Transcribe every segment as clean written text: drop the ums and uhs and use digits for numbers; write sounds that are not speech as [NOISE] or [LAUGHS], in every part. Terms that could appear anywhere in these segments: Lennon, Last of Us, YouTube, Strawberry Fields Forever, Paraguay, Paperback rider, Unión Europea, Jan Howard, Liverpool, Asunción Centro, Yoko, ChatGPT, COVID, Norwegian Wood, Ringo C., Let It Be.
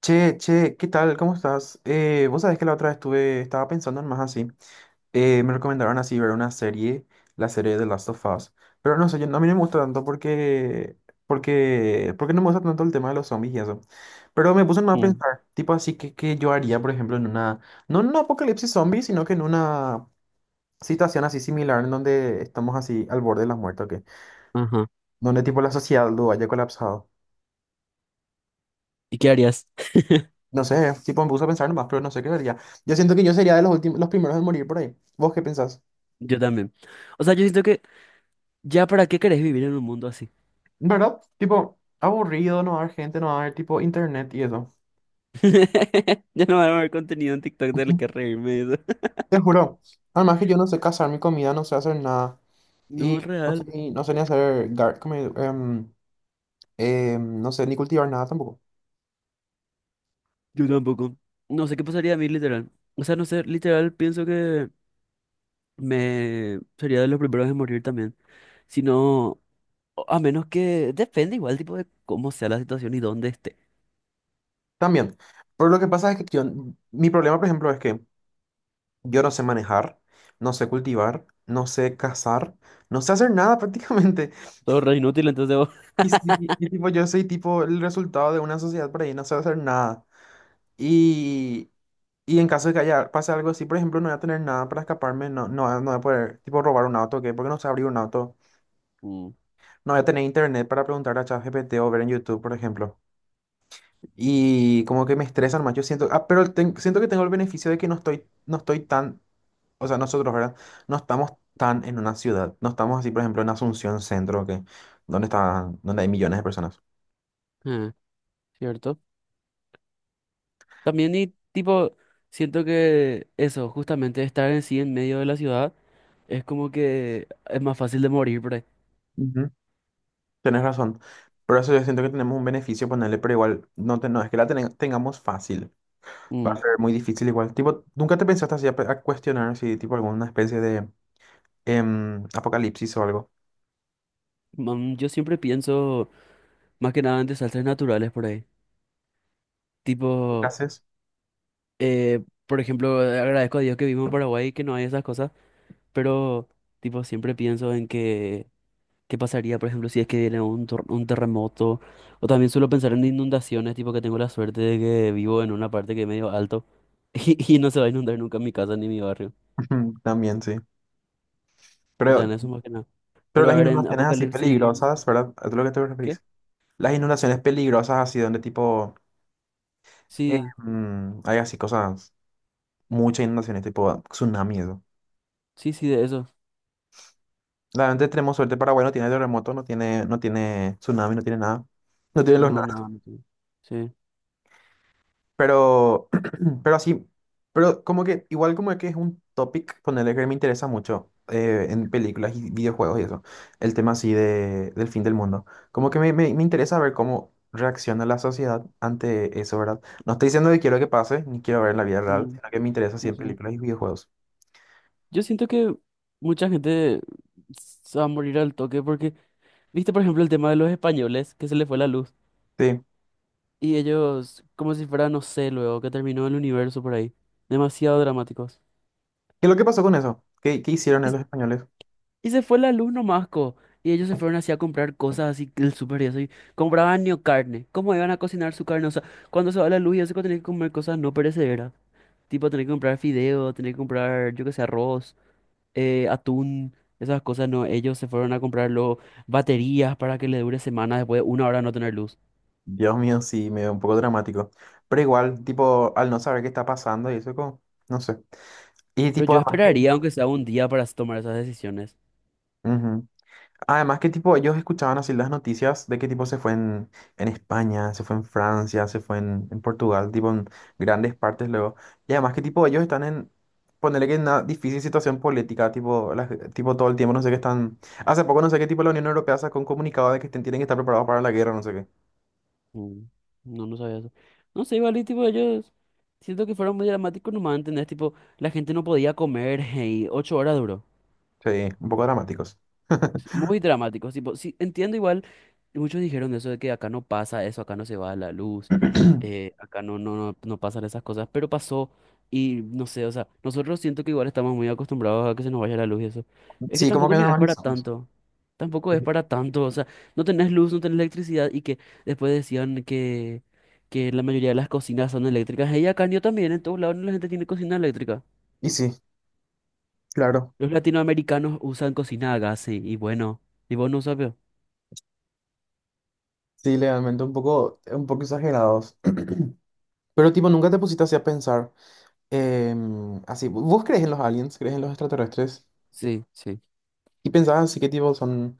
Che, che, ¿qué tal? ¿Cómo estás? Vos sabés que la otra vez estaba pensando en más así. Me recomendaron así ver una serie, la serie de Last of Us. Pero no sé, yo, a mí no me gusta tanto porque no me gusta tanto el tema de los zombies y eso. Pero me puse más a Mm. pensar, tipo así, que yo haría, por ejemplo, no en un apocalipsis zombie, sino que en una situación así similar en donde estamos así al borde de la muerte, ¿o qué? Ajá. Donde tipo la sociedad lo haya colapsado. ¿Y qué harías? [LAUGHS] No sé, tipo me puse a pensar nomás, pero no sé qué sería. Yo siento que yo sería de los últimos, los primeros en morir por ahí. ¿Vos qué pensás? Yo también. O sea, yo siento que ya para qué querés vivir en un mundo así. ¿Verdad? Tipo, aburrido, no va a haber gente, no va a haber tipo internet y eso. [LAUGHS] Ya no va a haber contenido en TikTok del Ujú. que reírme y eso. [LAUGHS] Te juro. Además que yo no sé cazar mi comida, no sé hacer nada. Y No, no sé real. ni, no sé ni hacer gar, no sé ni cultivar nada tampoco. Yo tampoco. No sé qué pasaría a mí, literal. O sea, no sé, literal, pienso que me sería de los primeros en morir también. Si no, a menos que depende igual, tipo, de cómo sea la situación y dónde esté. También. Pero lo que pasa es que yo, mi problema, por ejemplo, es que yo no sé manejar, no sé cultivar, no sé cazar, no sé hacer nada [LAUGHS] prácticamente. Todo re inútil, entonces, [LAUGHS] vos. Y sí, y tipo, yo soy tipo el resultado de una sociedad por ahí, no sé hacer nada. Y, y en caso de que haya, pase algo así, por ejemplo, no voy a tener nada para escaparme, no voy a poder tipo robar un auto, ¿qué? Porque no sé abrir un auto. Mm. No voy a tener internet para preguntar a ChatGPT o ver en YouTube, por ejemplo. Y como que me estresan más, yo siento, ah, pero siento que tengo el beneficio de que no estoy tan, o sea, nosotros, ¿verdad? No estamos tan en una ciudad, no estamos así, por ejemplo, en Asunción Centro, donde hay millones de personas. Ah, ¿cierto? También, y tipo, siento que eso, justamente estar en sí en medio de la ciudad, es como que es más fácil de morir por ahí. Tenés razón. Por eso yo siento que tenemos un beneficio ponerle, pero igual no, no es que la tengamos fácil. Va a Mm. ser muy difícil igual. Tipo, ¿nunca te pensaste así a, a cuestionar si tipo alguna especie de apocalipsis o algo? Man, yo siempre pienso más que nada en desastres naturales por ahí. Tipo, Clases. Por ejemplo, agradezco a Dios que vivo en Paraguay y que no hay esas cosas, pero tipo, siempre pienso en que qué pasaría, por ejemplo, si es que viene un, un terremoto, o también suelo pensar en inundaciones, tipo que tengo la suerte de que vivo en una parte que es medio alto [LAUGHS] y no se va a inundar nunca mi casa ni mi barrio. [LAUGHS] También, sí. O sea, Pero, en eso más que nada. pero Pero las a ver, en inundaciones así apocalipsis, peligrosas, ¿verdad? ¿A lo que te ¿qué? referís? Las inundaciones peligrosas así donde tipo Sí, hay así cosas, muchas inundaciones, tipo tsunami y eso. sí, sí, de eso. Realmente tenemos suerte, Paraguay no tiene terremoto, no tiene tsunami, no tiene nada. No tiene los. No, no, no, no. Sí. Sí. Pero, [CLEARS THROAT] pero así, pero como que, igual como que es un topic, ponerle que me interesa mucho en películas y videojuegos y eso, el tema así de, del fin del mundo. Como que me interesa ver cómo reacciona la sociedad ante eso, ¿verdad? No estoy diciendo que quiero que pase, ni quiero ver en la vida real, Mm, sino que me interesa así en ujú. películas y videojuegos. Yo siento que mucha gente se va a morir al toque porque, viste, por ejemplo, el tema de los españoles, que se les fue la luz. Sí. Y ellos, como si fuera, no sé, luego que terminó el universo por ahí. Demasiado dramáticos. ¿Qué es lo que pasó con eso? ¿Qué hicieron los españoles? Y se fue la luz nomás, co. Y ellos se fueron así a comprar cosas así que el súper y eso. Y compraban ni carne. ¿Cómo iban a cocinar su carne? O sea, cuando se va la luz y eso que tenés que comer cosas no perecederas. Tipo, tenés que comprar fideo, tenés que comprar, yo qué sé, arroz, atún, esas cosas, no. Ellos se fueron a comprar luego baterías para que le dure semanas después de 1 hora de no tener luz. Dios mío, sí, medio un poco dramático. Pero igual, tipo, al no saber qué está pasando y eso, como, no sé. Y Pero tipo, yo además que... esperaría, aunque sea un día, para tomar esas decisiones. Ujú. Además, que tipo, ellos escuchaban así las noticias de que tipo se fue en, España, se fue en Francia, se fue en, Portugal, tipo en grandes partes luego. Y además que tipo ellos están ponerle que en una difícil situación política, tipo, tipo todo el tiempo, no sé qué están. Hace poco no sé qué tipo la Unión Europea sacó un comunicado de que tienen que estar preparados para la guerra, no sé qué. Mm. No, no sabía eso. No sé, igual, y tipo ellos, siento que fueron muy dramáticos nomás, ¿entendés? Tipo, la gente no podía comer [LAUGHS] y 8 horas duró. Sí, un poco dramáticos. Sí, [CLEARS THROAT] muy dramáticos, tipo, sí, entiendo igual, y muchos dijeron eso de que acá no pasa eso, acá no se va la luz, [LAUGHS] acá no pasan esas cosas, pero pasó, y no sé, o sea, nosotros siento que igual estamos muy acostumbrados a que se nos vaya la luz y eso. Sí, como que Es para normalizamos. tanto, tampoco es Sí. para tanto, o sea, no tenés luz, no tenés electricidad, y que después decían que la mayoría de las cocinas son eléctricas. Y acá yo también, en todos lados la gente tiene cocina eléctrica. Y sí, claro. Los latinoamericanos usan cocina a gas, sí, y bueno, y vos no sabes. Sí, legalmente un poco exagerados. [CLEARS THROAT] Pero tipo, nunca te pusiste así a pensar. Así, ¿vos crees en los aliens? ¿Crees en los extraterrestres? Sí, sí. ¿Y pensás así que tipo son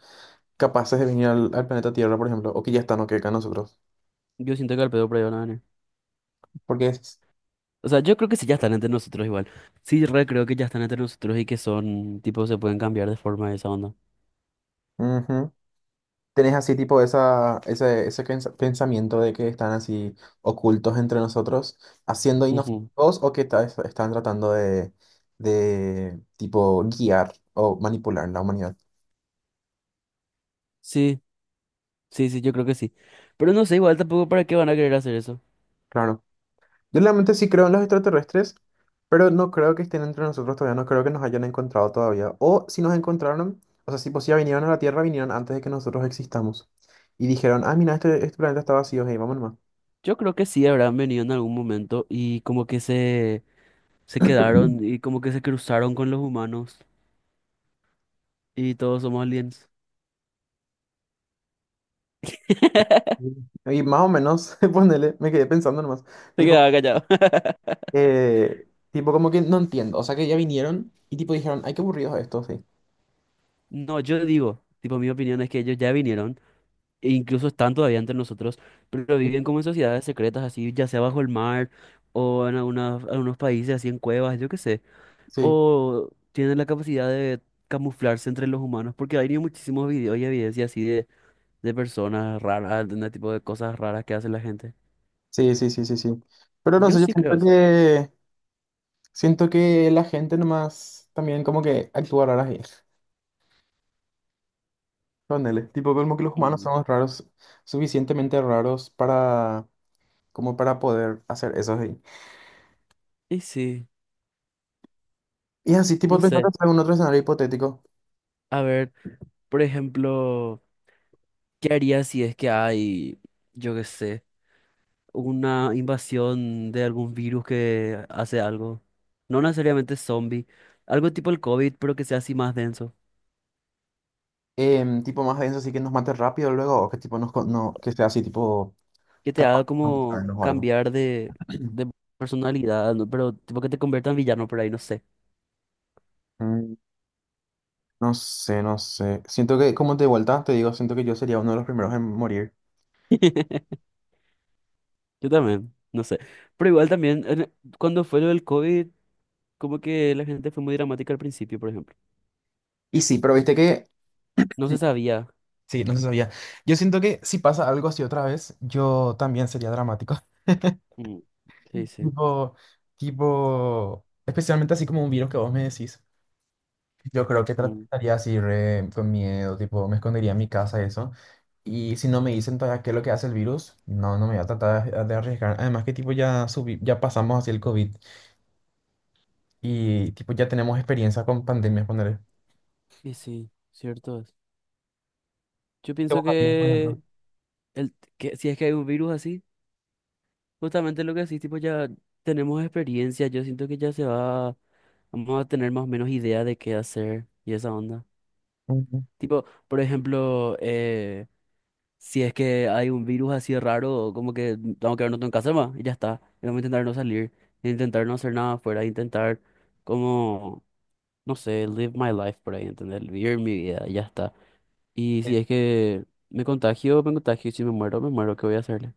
capaces de venir al, al planeta Tierra, por ejemplo? O que ya están o que acá nosotros. Yo siento que al pedo por ahí van a venir. Porque es. O sea, yo creo que sí, ya están entre nosotros igual. Sí, re creo que ya están entre nosotros y que son, tipo, se pueden cambiar de forma, de esa onda. Ujú. Tenés así tipo ese pensamiento de que están así ocultos entre nosotros, haciendo Ujú. inofensivos o que están tratando de tipo guiar o manipular la humanidad. Sí, sí, sí, yo creo que sí. Pero no sé, igual tampoco para qué van a querer hacer eso. Claro. Yo realmente sí creo en los extraterrestres, pero no creo que estén entre nosotros todavía, no creo que nos hayan encontrado todavía. O si nos encontraron, o sea, si ya vinieron a la Tierra, vinieron antes de que nosotros existamos. Y dijeron, ah, mira, este planeta está vacío, hey, vamos nomás. Yo creo que sí habrán venido en algún momento y como que se quedaron y como que se cruzaron con los humanos, y todos somos aliens. [LAUGHS] Mm. Y más o menos, [LAUGHS] ponele, me quedé pensando nomás. Se Tipo, quedaba callado. [LAUGHS] Tipo, como que no entiendo. O sea, que ya vinieron y tipo dijeron, ay, qué aburridos estos, sí. No, yo digo, tipo, mi opinión es que ellos ya vinieron e incluso están todavía entre nosotros, pero viven como en sociedades secretas, así, ya sea bajo el mar o en algunos países, así en cuevas, yo qué sé, Sí, o tienen la capacidad de camuflarse entre los humanos, porque hay muchísimos videos y evidencia así de personas raras, de ese tipo de cosas raras que hace la gente. sí, sí, sí, sí, sí. Pero no Yo sé, yo sí creo eso. Siento que la gente nomás también como que actúa rara. [LAUGHS] Ponele, tipo, como que los humanos Mm. somos raros, suficientemente raros para, como para poder hacer eso ahí. Y sí, Y así, tipo, no sé, pensando en algún otro escenario hipotético, a ver, por ejemplo, ¿qué harías si es que hay, yo qué sé, una invasión de algún virus que hace algo? No necesariamente zombie, algo tipo el COVID, pero que sea así más denso. Tipo más denso, así que nos mate rápido luego, o que tipo nos, no, que sea así, tipo, Que te capaz haga de como matarnos o algo. cambiar de personalidad, ¿no? Pero tipo que te convierta en villano por ahí, no sé. Mm. No sé, no sé. Siento que, como de vuelta, te digo, siento que yo sería uno de los primeros en morir. [LAUGHS] Yo también, no sé. Pero igual también, cuando fue lo del COVID, como que la gente fue muy dramática al principio, por ejemplo. Y sí, pero viste que... No se sabía. Sí, no se sabía. Yo siento que si pasa algo así otra vez, yo también sería dramático. Mm. Sí, sí. Tipo, especialmente así como un virus que vos me decís, yo creo que Mm. trataría así re con miedo, tipo, me escondería en mi casa y eso. Y si no me dicen todavía qué es lo que hace el virus, no, no me voy a tratar de arriesgar. Además que tipo ya subí, ya pasamos hacia el COVID y tipo ya tenemos experiencia con pandemias, poner. Y sí, cierto es. Yo ¿Qué pienso vos harías, por ejemplo? que que si es que hay un virus así, justamente lo que decís, tipo, ya tenemos experiencia, yo siento que vamos a tener más o menos idea de qué hacer y esa onda. Ujú, Tipo, por ejemplo, si es que hay un virus así raro, como que vamos a quedarnos en casa más y ya está. Y vamos a intentar no salir, intentar no hacer nada afuera, intentar como, no sé, live my life por ahí, ¿entendés? Vivir mi vida y ya está. Y sí. si es que me contagio, y si me muero, me muero. ¿Qué voy a hacer?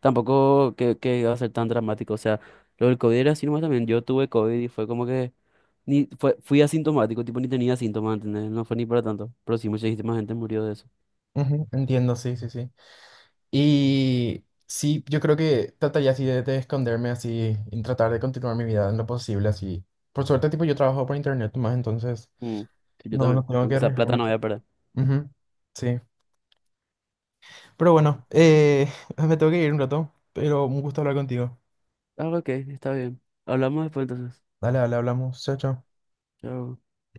Tampoco que iba a ser tan dramático. O sea, lo del COVID era así nomás también. Yo tuve COVID y fue como que ni fue, fui asintomático, tipo ni tenía síntomas, ¿entendés? No fue ni para tanto. Pero sí, muchísima gente murió de eso. Ujú, entiendo, sí, sí, sí. Y sí, yo creo que trataría así de esconderme así y tratar de continuar mi vida en lo posible así. Por suerte, tipo, yo trabajo por internet más, entonces Mm. Sí, yo no, también. no tengo que Aunque esa plata arriesgarme. no voy a perder. Ujú. Sí. Pero bueno, [LAUGHS] me tengo que ir un rato, pero un gusto hablar contigo. Ah, ok, está bien. Hablamos después, entonces. Dale, dale, hablamos. Chao, chao. Chao.